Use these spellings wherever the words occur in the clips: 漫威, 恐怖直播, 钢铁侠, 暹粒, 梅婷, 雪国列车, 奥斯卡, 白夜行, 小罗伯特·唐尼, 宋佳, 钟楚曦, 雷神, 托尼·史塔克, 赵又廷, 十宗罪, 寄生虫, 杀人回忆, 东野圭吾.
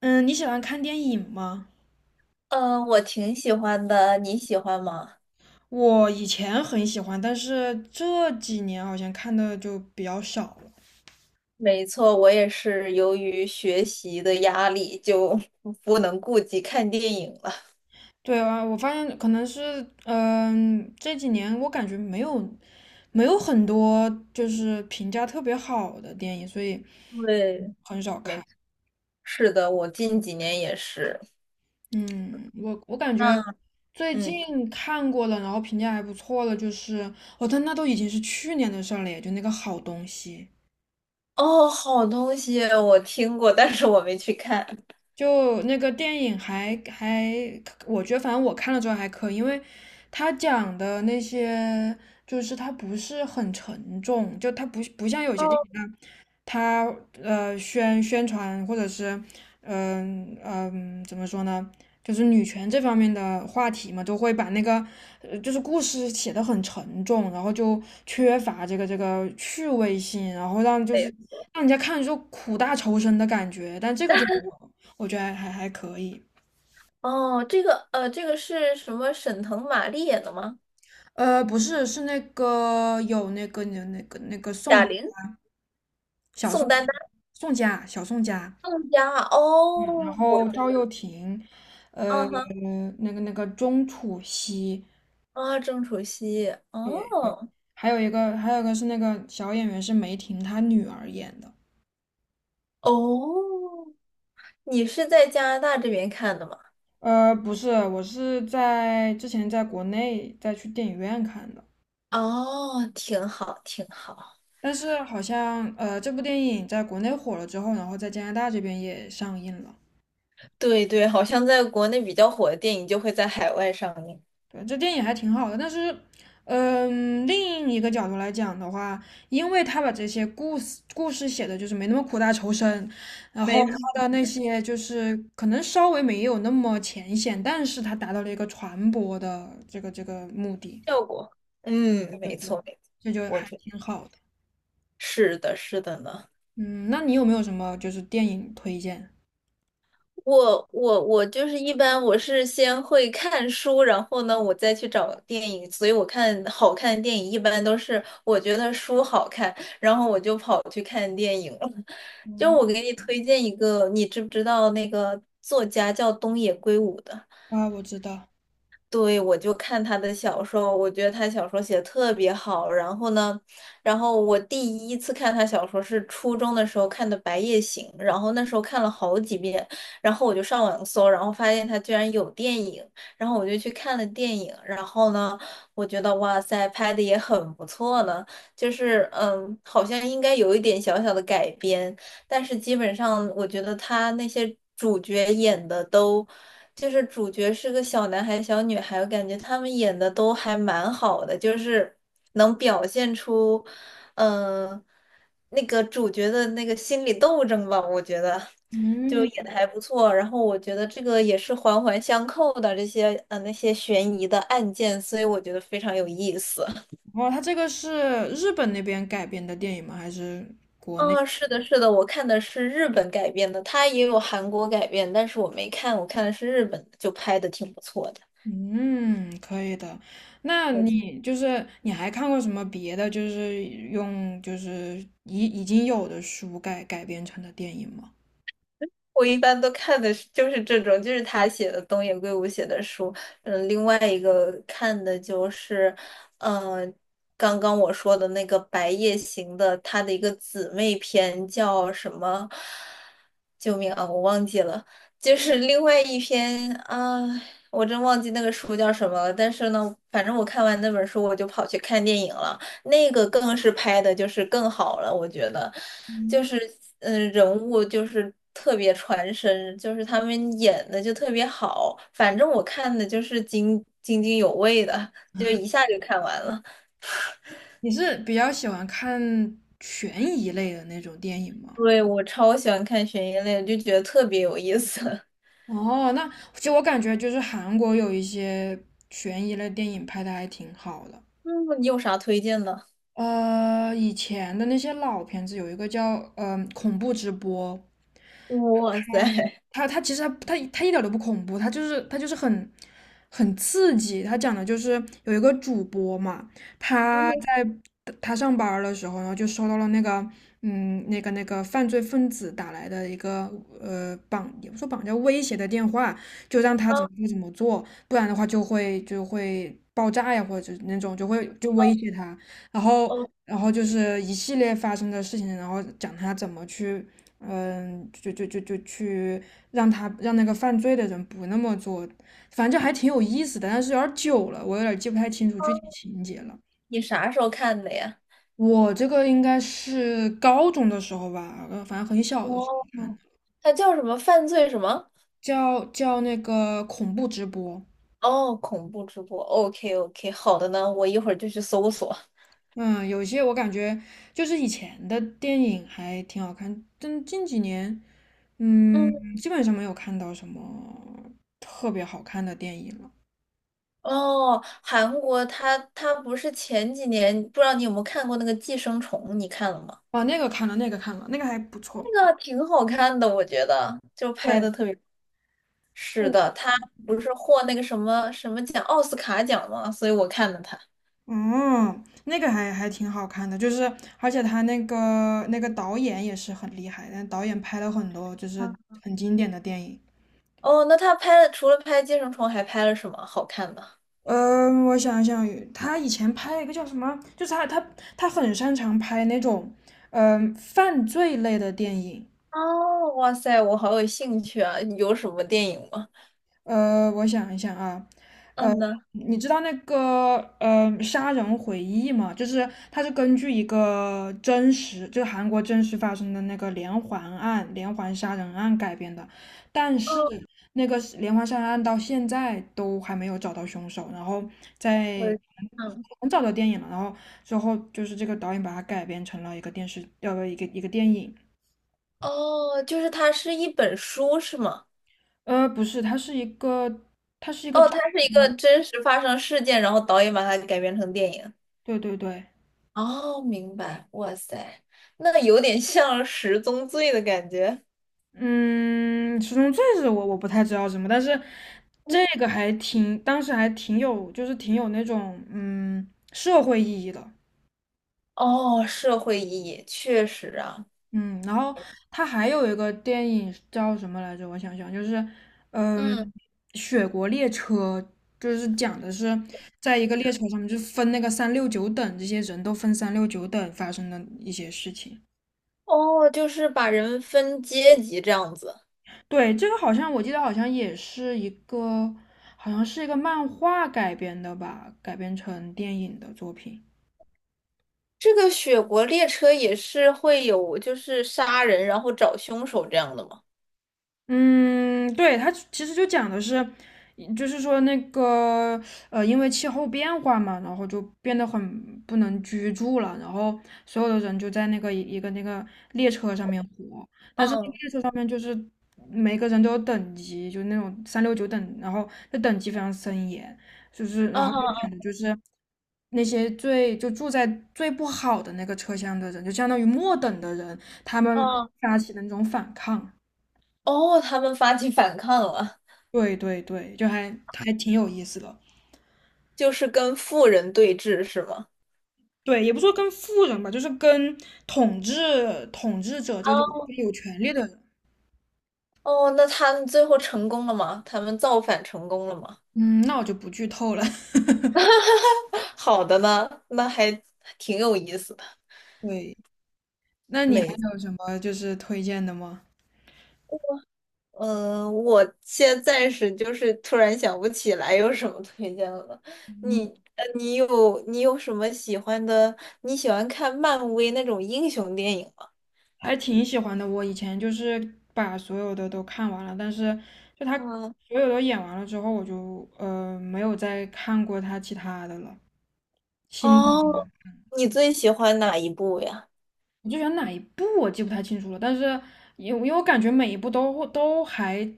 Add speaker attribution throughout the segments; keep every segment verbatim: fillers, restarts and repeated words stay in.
Speaker 1: 嗯，你喜欢看电影吗？
Speaker 2: 嗯，我挺喜欢的，你喜欢吗？
Speaker 1: 我以前很喜欢，但是这几年好像看的就比较少了。
Speaker 2: 没错，我也是由于学习的压力，就 不能顾及看电影了。
Speaker 1: 对啊，我发现可能是，嗯，这几年我感觉没有没有很多就是评价特别好的电影，所以
Speaker 2: 对，
Speaker 1: 很少
Speaker 2: 没
Speaker 1: 看。
Speaker 2: 错，是的，我近几年也是。
Speaker 1: 嗯，我我感觉
Speaker 2: 嗯
Speaker 1: 最
Speaker 2: 嗯，
Speaker 1: 近看过了，然后评价还不错了，就是哦，但那都已经是去年的事儿了耶，就那个好东西。
Speaker 2: 哦，好东西啊，我听过，但是我没去看。
Speaker 1: 就那个电影还还，我觉得反正我看了之后还可以，因为他讲的那些就是他不是很沉重，就他不不像有些
Speaker 2: 哦，
Speaker 1: 电影那他呃宣宣传或者是嗯嗯、呃呃怎么说呢，就是女权这方面的话题嘛，都会把那个呃就是故事写得很沉重，然后就缺乏这个这个趣味性，然后让就是
Speaker 2: 对，
Speaker 1: 让人家看着就苦大仇深的感觉，但这个就没有，我觉得还还可以。
Speaker 2: 哦，这个呃，这个是什么？沈腾、马丽演的吗？
Speaker 1: 呃，不是，是那个有那个那个那个宋
Speaker 2: 贾玲、
Speaker 1: 小
Speaker 2: 宋
Speaker 1: 宋
Speaker 2: 丹丹、
Speaker 1: 宋佳小宋佳。
Speaker 2: 宋佳。
Speaker 1: 然
Speaker 2: 哦，我
Speaker 1: 后
Speaker 2: 知
Speaker 1: 赵
Speaker 2: 道。
Speaker 1: 又廷，
Speaker 2: 啊
Speaker 1: 呃，
Speaker 2: 哈
Speaker 1: 那个那个钟楚曦，
Speaker 2: 啊，郑楚曦。
Speaker 1: 对对，
Speaker 2: 哦。
Speaker 1: 还有一个还有一个是那个小演员是梅婷她女儿演的，
Speaker 2: 哦，你是在加拿大这边看的吗？
Speaker 1: 呃，不是，我是在之前在国内再去电影院看的，
Speaker 2: 哦，挺好，挺好。
Speaker 1: 但是好像呃这部电影在国内火了之后，然后在加拿大这边也上映了。
Speaker 2: 对对，好像在国内比较火的电影就会在海外上映，
Speaker 1: 对，这电影还挺好的，但是，嗯，另一个角度来讲的话，因为他把这些故事故事写的就是没那么苦大仇深，然后
Speaker 2: 没错，
Speaker 1: 他的那些就是可能稍微没有那么浅显，但是他达到了一个传播的这个这个目的，
Speaker 2: 效果。嗯，
Speaker 1: 对
Speaker 2: 没
Speaker 1: 对，
Speaker 2: 错没错，
Speaker 1: 这就
Speaker 2: 我
Speaker 1: 还
Speaker 2: 觉
Speaker 1: 挺好的。
Speaker 2: 是的，是的呢。
Speaker 1: 嗯，那你有没有什么就是电影推荐？
Speaker 2: 我我我就是一般我是先会看书，然后呢，我再去找电影。所以我看好看的电影一般都是我觉得书好看，然后我就跑去看电影了。就
Speaker 1: 哦，
Speaker 2: 我给你推荐一个，你知不知道那个作家叫东野圭吾的？
Speaker 1: 啊，我知道，
Speaker 2: 对，我就看他的小说，我觉得他小说写得特别好。然后呢，然后我第一次看他小说是初中的时候看的《白夜行》，然后那时候看了好几遍，然后我就上网搜，然后发现他居然有电影，然后我就去看了电影。然后呢，我觉得哇塞，拍的也很不错呢，就是嗯，好像应该有一点小小的改编，但是基本上我觉得他那些主角演的都。就是主角是个小男孩、小女孩，我感觉他们演的都还蛮好的，就是能表现出，嗯、那个主角的那个心理斗争吧，我觉得就
Speaker 1: 嗯，
Speaker 2: 演的还不错。然后我觉得这个也是环环相扣的这些呃那些悬疑的案件，所以我觉得非常有意思。
Speaker 1: 哦，他这个是日本那边改编的电影吗？还是国内？
Speaker 2: 啊，是的，是的，我看的是日本改编的，它也有韩国改编，但是我没看，我看的是日本的，就拍的挺不错的。
Speaker 1: 嗯，可以的。那
Speaker 2: 没错。
Speaker 1: 你就是你还看过什么别的，就是用就是已已经有的书改改编成的电影吗？
Speaker 2: 我一般都看的是就是这种，就是他写的东野圭吾写的书。嗯，另外一个看的就是，嗯，刚刚我说的那个《白夜行》的，他的一个姊妹篇叫什么？救命啊，我忘记了。就是另外一篇啊，我真忘记那个书叫什么了。但是呢，反正我看完那本书，我就跑去看电影了。那个更是拍的就是更好了，我觉得。就是嗯、呃人物就是特别传神，就是他们演的就特别好，反正我看的就是津津津有味的，就一下就看完了。
Speaker 1: 你是比较喜欢看悬疑类的那种电影吗？
Speaker 2: 对，我超喜欢看悬疑类就觉得特别有意思。
Speaker 1: 哦，那其实我感觉就是韩国有一些悬疑类电影拍的还挺好的。
Speaker 2: 嗯，你有啥推荐的？
Speaker 1: 呃，以前的那些老片子有一个叫嗯、呃恐怖直播》，
Speaker 2: 哇塞，
Speaker 1: 他他其实他他他一点都不恐怖，他就是他就是很很刺激。他讲的就是有一个主播嘛，他
Speaker 2: 嗯
Speaker 1: 在他上班儿的时候，然后就收到了那个嗯那个那个犯罪分子打来的一个呃绑也不说绑架威胁的电话，就让他
Speaker 2: 啊
Speaker 1: 怎么做怎么做，不然的话就会就会爆炸呀，或者是那种就会就威胁他，然后。
Speaker 2: 哦，
Speaker 1: 然后。就是一系列发生的事情，然后讲他怎么去嗯，就就就就去让他让那个犯罪的人不那么做，反正还挺有意思的，但是有点儿久了，我有点儿记不太清楚具体情节了。
Speaker 2: 你啥时候看的呀？
Speaker 1: 我这个应该是高中的时候吧，呃反正很小的时候
Speaker 2: 哦，
Speaker 1: 看，
Speaker 2: 它叫什么？犯罪什么？
Speaker 1: 叫叫那个恐怖直播。
Speaker 2: 哦，恐怖直播。OK OK，好的呢，我一会儿就去搜索。
Speaker 1: 嗯，有些我感觉就是以前的电影还挺好看，但近几年，
Speaker 2: 嗯。
Speaker 1: 嗯，基本上没有看到什么特别好看的电影了。
Speaker 2: 哦，韩国它它不是前几年，不知道你有没有看过那个《寄生虫》，你看了吗？
Speaker 1: 哦，那个看了，那个看了，那个还不错。
Speaker 2: 那个挺好看的，我觉得就拍
Speaker 1: 对，
Speaker 2: 的特别。是的，他不是获那个什么什么奖，奥斯卡奖吗？所以我看了他。
Speaker 1: 嗯，那个还还挺好看的，就是而且他那个那个导演也是很厉害，但导演拍了很多就是
Speaker 2: 嗯
Speaker 1: 很经典的电影。
Speaker 2: 哦，那他拍了除了拍《寄生虫》，还拍了什么好看的？
Speaker 1: 嗯，我想想，他以前拍了一个叫什么，就是他他他很擅长拍那种嗯犯罪类的电影。
Speaker 2: 哦，哇塞，我好有兴趣啊！有什么电影吗？
Speaker 1: 呃，我想一想啊，呃，
Speaker 2: 嗯呢，
Speaker 1: 你知道那个呃《杀人回忆》吗？就是它是根据一个真实，就是韩国真实发生的那个连环案、连环杀人案改编的，但是
Speaker 2: 哦，
Speaker 1: 那个是连环杀人案到现在都还没有找到凶手，然后
Speaker 2: 我
Speaker 1: 在
Speaker 2: 嗯，
Speaker 1: 很早的电影了，然后之后就是这个导演把它改编成了一个电视，呃，一个一个电影，
Speaker 2: 哦，就是它是一本书是吗？
Speaker 1: 呃，不是，它是一个，它是一个
Speaker 2: 哦，
Speaker 1: 真
Speaker 2: 它是一个真实发生事件，然后导演把它改编成电影。
Speaker 1: 对对对。
Speaker 2: 哦，明白。哇塞，那 有点像《十宗罪》的感觉。
Speaker 1: 嗯，十中罪是我我不太知道什么，但是这个还挺，当时还挺有，就是挺有那种嗯社会意义的，
Speaker 2: 哦，社会意义确实啊。
Speaker 1: 嗯，然后他还有一个电影叫什么来着？我想想，就是嗯，
Speaker 2: 嗯，
Speaker 1: 《雪国列车》，就是讲的是在一个列车上面，就分那个三六九等，这些人都分三六九等发生的一些事情。
Speaker 2: 哦，就是把人分阶级这样子。
Speaker 1: 对，这个好像我记得好像也是一个，好像是一个漫画改编的吧，改编成电影的作品。
Speaker 2: 这个《雪国列车》也是会有，就是杀人然后找凶手这样的吗？
Speaker 1: 嗯，对，它其实就讲的是，就是说那个呃，因为气候变化嘛，然后就变得很不能居住了，然后所有的人就在那个一个那个列车上面活，但是那个
Speaker 2: 嗯，
Speaker 1: 列车上面就是每个人都有等级，就那种三六九等，然后这等级非常森严，就是然后就讲
Speaker 2: 啊
Speaker 1: 的就是。那些最就住在最不好的那个车厢的人，就相当于末等的人，他们
Speaker 2: 啊，
Speaker 1: 发起的那种反抗。
Speaker 2: 哦，他们发起反抗了，
Speaker 1: 对对对，就还还挺有意思的。
Speaker 2: 就是跟富人对峙是吗？
Speaker 1: 对，也不说跟富人吧，就是跟统治统治者，就就有权利的人。
Speaker 2: 哦，那他们最后成功了吗？他们造反成功了吗？
Speaker 1: 嗯，那我就不剧透了。
Speaker 2: 好的呢，那还挺有意思的。
Speaker 1: 对，那你还
Speaker 2: 没，
Speaker 1: 有什么就是推荐的吗？
Speaker 2: 嗯、我现在暂时就是突然想不起来有什么推荐了。你，呃，你有你有什么喜欢的？你喜欢看漫威那种英雄电影吗？
Speaker 1: 还挺喜欢的。我以前就是把所有的都看完了，但是就他
Speaker 2: 嗯，
Speaker 1: 所有都演完了之后，我就呃没有再看过他其他的了。新的
Speaker 2: 哦，你最喜欢哪一部呀？
Speaker 1: 我就选哪一部我记不太清楚了，但是因为因为我感觉每一部都都还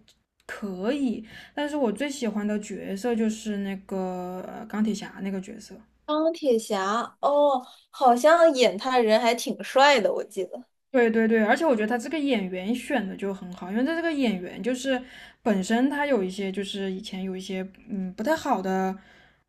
Speaker 1: 可以，但是我最喜欢的角色就是那个呃钢铁侠那个角色。
Speaker 2: 钢铁侠，哦，好像演他的人还挺帅的，我记得。
Speaker 1: 对对对，而且我觉得他这个演员选的就很好，因为他这个演员就是本身他有一些就是以前有一些嗯不太好的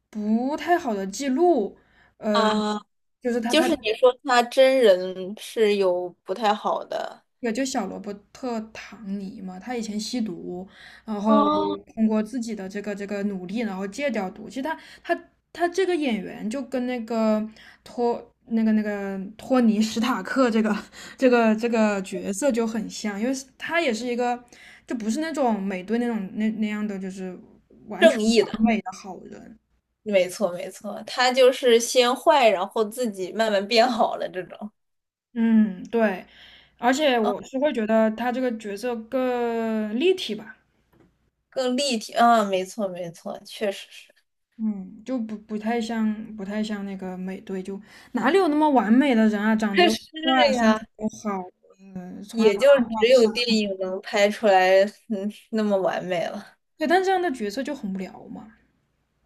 Speaker 1: 不太好的记录，嗯、
Speaker 2: 啊。
Speaker 1: 就是他
Speaker 2: 就
Speaker 1: 他
Speaker 2: 是你说他真人是有不太好的
Speaker 1: 有就小罗伯特·唐尼嘛，他以前吸毒，然后
Speaker 2: 哦，
Speaker 1: 通过自己的这个这个努力，然后戒掉毒。其实他他他这个演员就跟那个托那个那个托尼·史塔克这个 这个这个角色就很像，因为他也是一个就不是那种美队那种那那样的就是完全
Speaker 2: 正义的，
Speaker 1: 完美的好人。
Speaker 2: 没错没错，他就是先坏，然后自己慢慢变好了这种，
Speaker 1: 嗯，对，而且
Speaker 2: 啊，
Speaker 1: 我是会觉得他这个角色更立体吧。
Speaker 2: 更立体，啊，没错没错，确实是，
Speaker 1: 嗯，就不不太像，不太像那个美队，就哪里有那么完美的人啊？长得 又
Speaker 2: 是
Speaker 1: 帅啊，身
Speaker 2: 呀，
Speaker 1: 材又好，嗯，从来不
Speaker 2: 也就
Speaker 1: 敢
Speaker 2: 只
Speaker 1: 患
Speaker 2: 有
Speaker 1: 上。
Speaker 2: 电影能拍出来，嗯，那么完美了。
Speaker 1: 对，但这样的角色就很无聊嘛。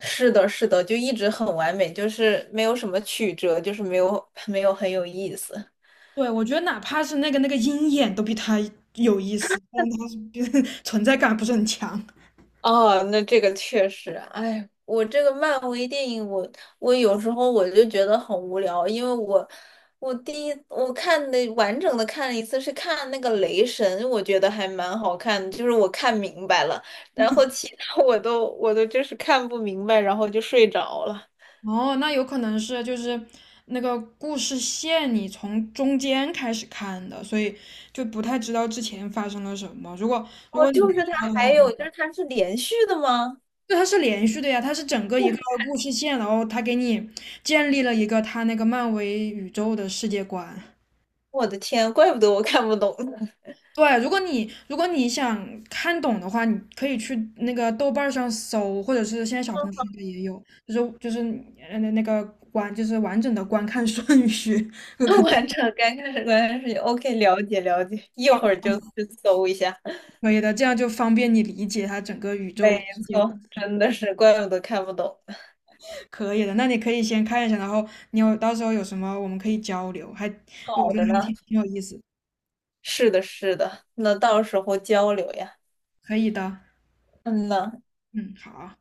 Speaker 2: 是的，是的，就一直很完美，就是没有什么曲折，就是没有没有很有意思。
Speaker 1: 对，我觉得哪怕是那个那个鹰眼都比他有意思，但他是比 存在感不是很强。
Speaker 2: 哦，那这个确实，哎，我这个漫威电影我，我有时候我就觉得很无聊，因为我我第一我看的完整的看了一次是看那个雷神，我觉得还蛮好看的，就是我看明白了，然后其他我都我都就是看不明白，然后就睡着了。
Speaker 1: 哦，那有可能是就是那个故事线你从中间开始看的，所以就不太知道之前发生了什么。如果如
Speaker 2: 哦，
Speaker 1: 果你
Speaker 2: 就是
Speaker 1: 知
Speaker 2: 它
Speaker 1: 道的
Speaker 2: 还有
Speaker 1: 话。
Speaker 2: 就是它是连续的吗？
Speaker 1: 对，它是连续的呀，它是整个一个故事线，然后它给你建立了一个它那个漫威宇宙的世界观。
Speaker 2: 我的天，怪不得我看不懂呢。
Speaker 1: 对，如果你如果你想看懂的话，你可以去那个豆瓣儿上搜，或者是现在小红 书里也有，就是就是呃那个观，就是完整的观看顺序，
Speaker 2: 完整，刚开始刚开始，OK，了解了解，一会儿
Speaker 1: 方
Speaker 2: 就去搜一下。
Speaker 1: 可以的，这样就方便你理解它整个宇
Speaker 2: 没
Speaker 1: 宙世界观。
Speaker 2: 错，真的是，怪不得看不懂。
Speaker 1: 可以的，那你可以先看一下，然后你有到时候有什么我们可以交流，还我
Speaker 2: 好
Speaker 1: 觉得
Speaker 2: 的
Speaker 1: 还
Speaker 2: 呢，
Speaker 1: 挺挺有意思。
Speaker 2: 是的，是的，那到时候交流呀。
Speaker 1: 可以的。
Speaker 2: 嗯呐。
Speaker 1: 嗯，好啊。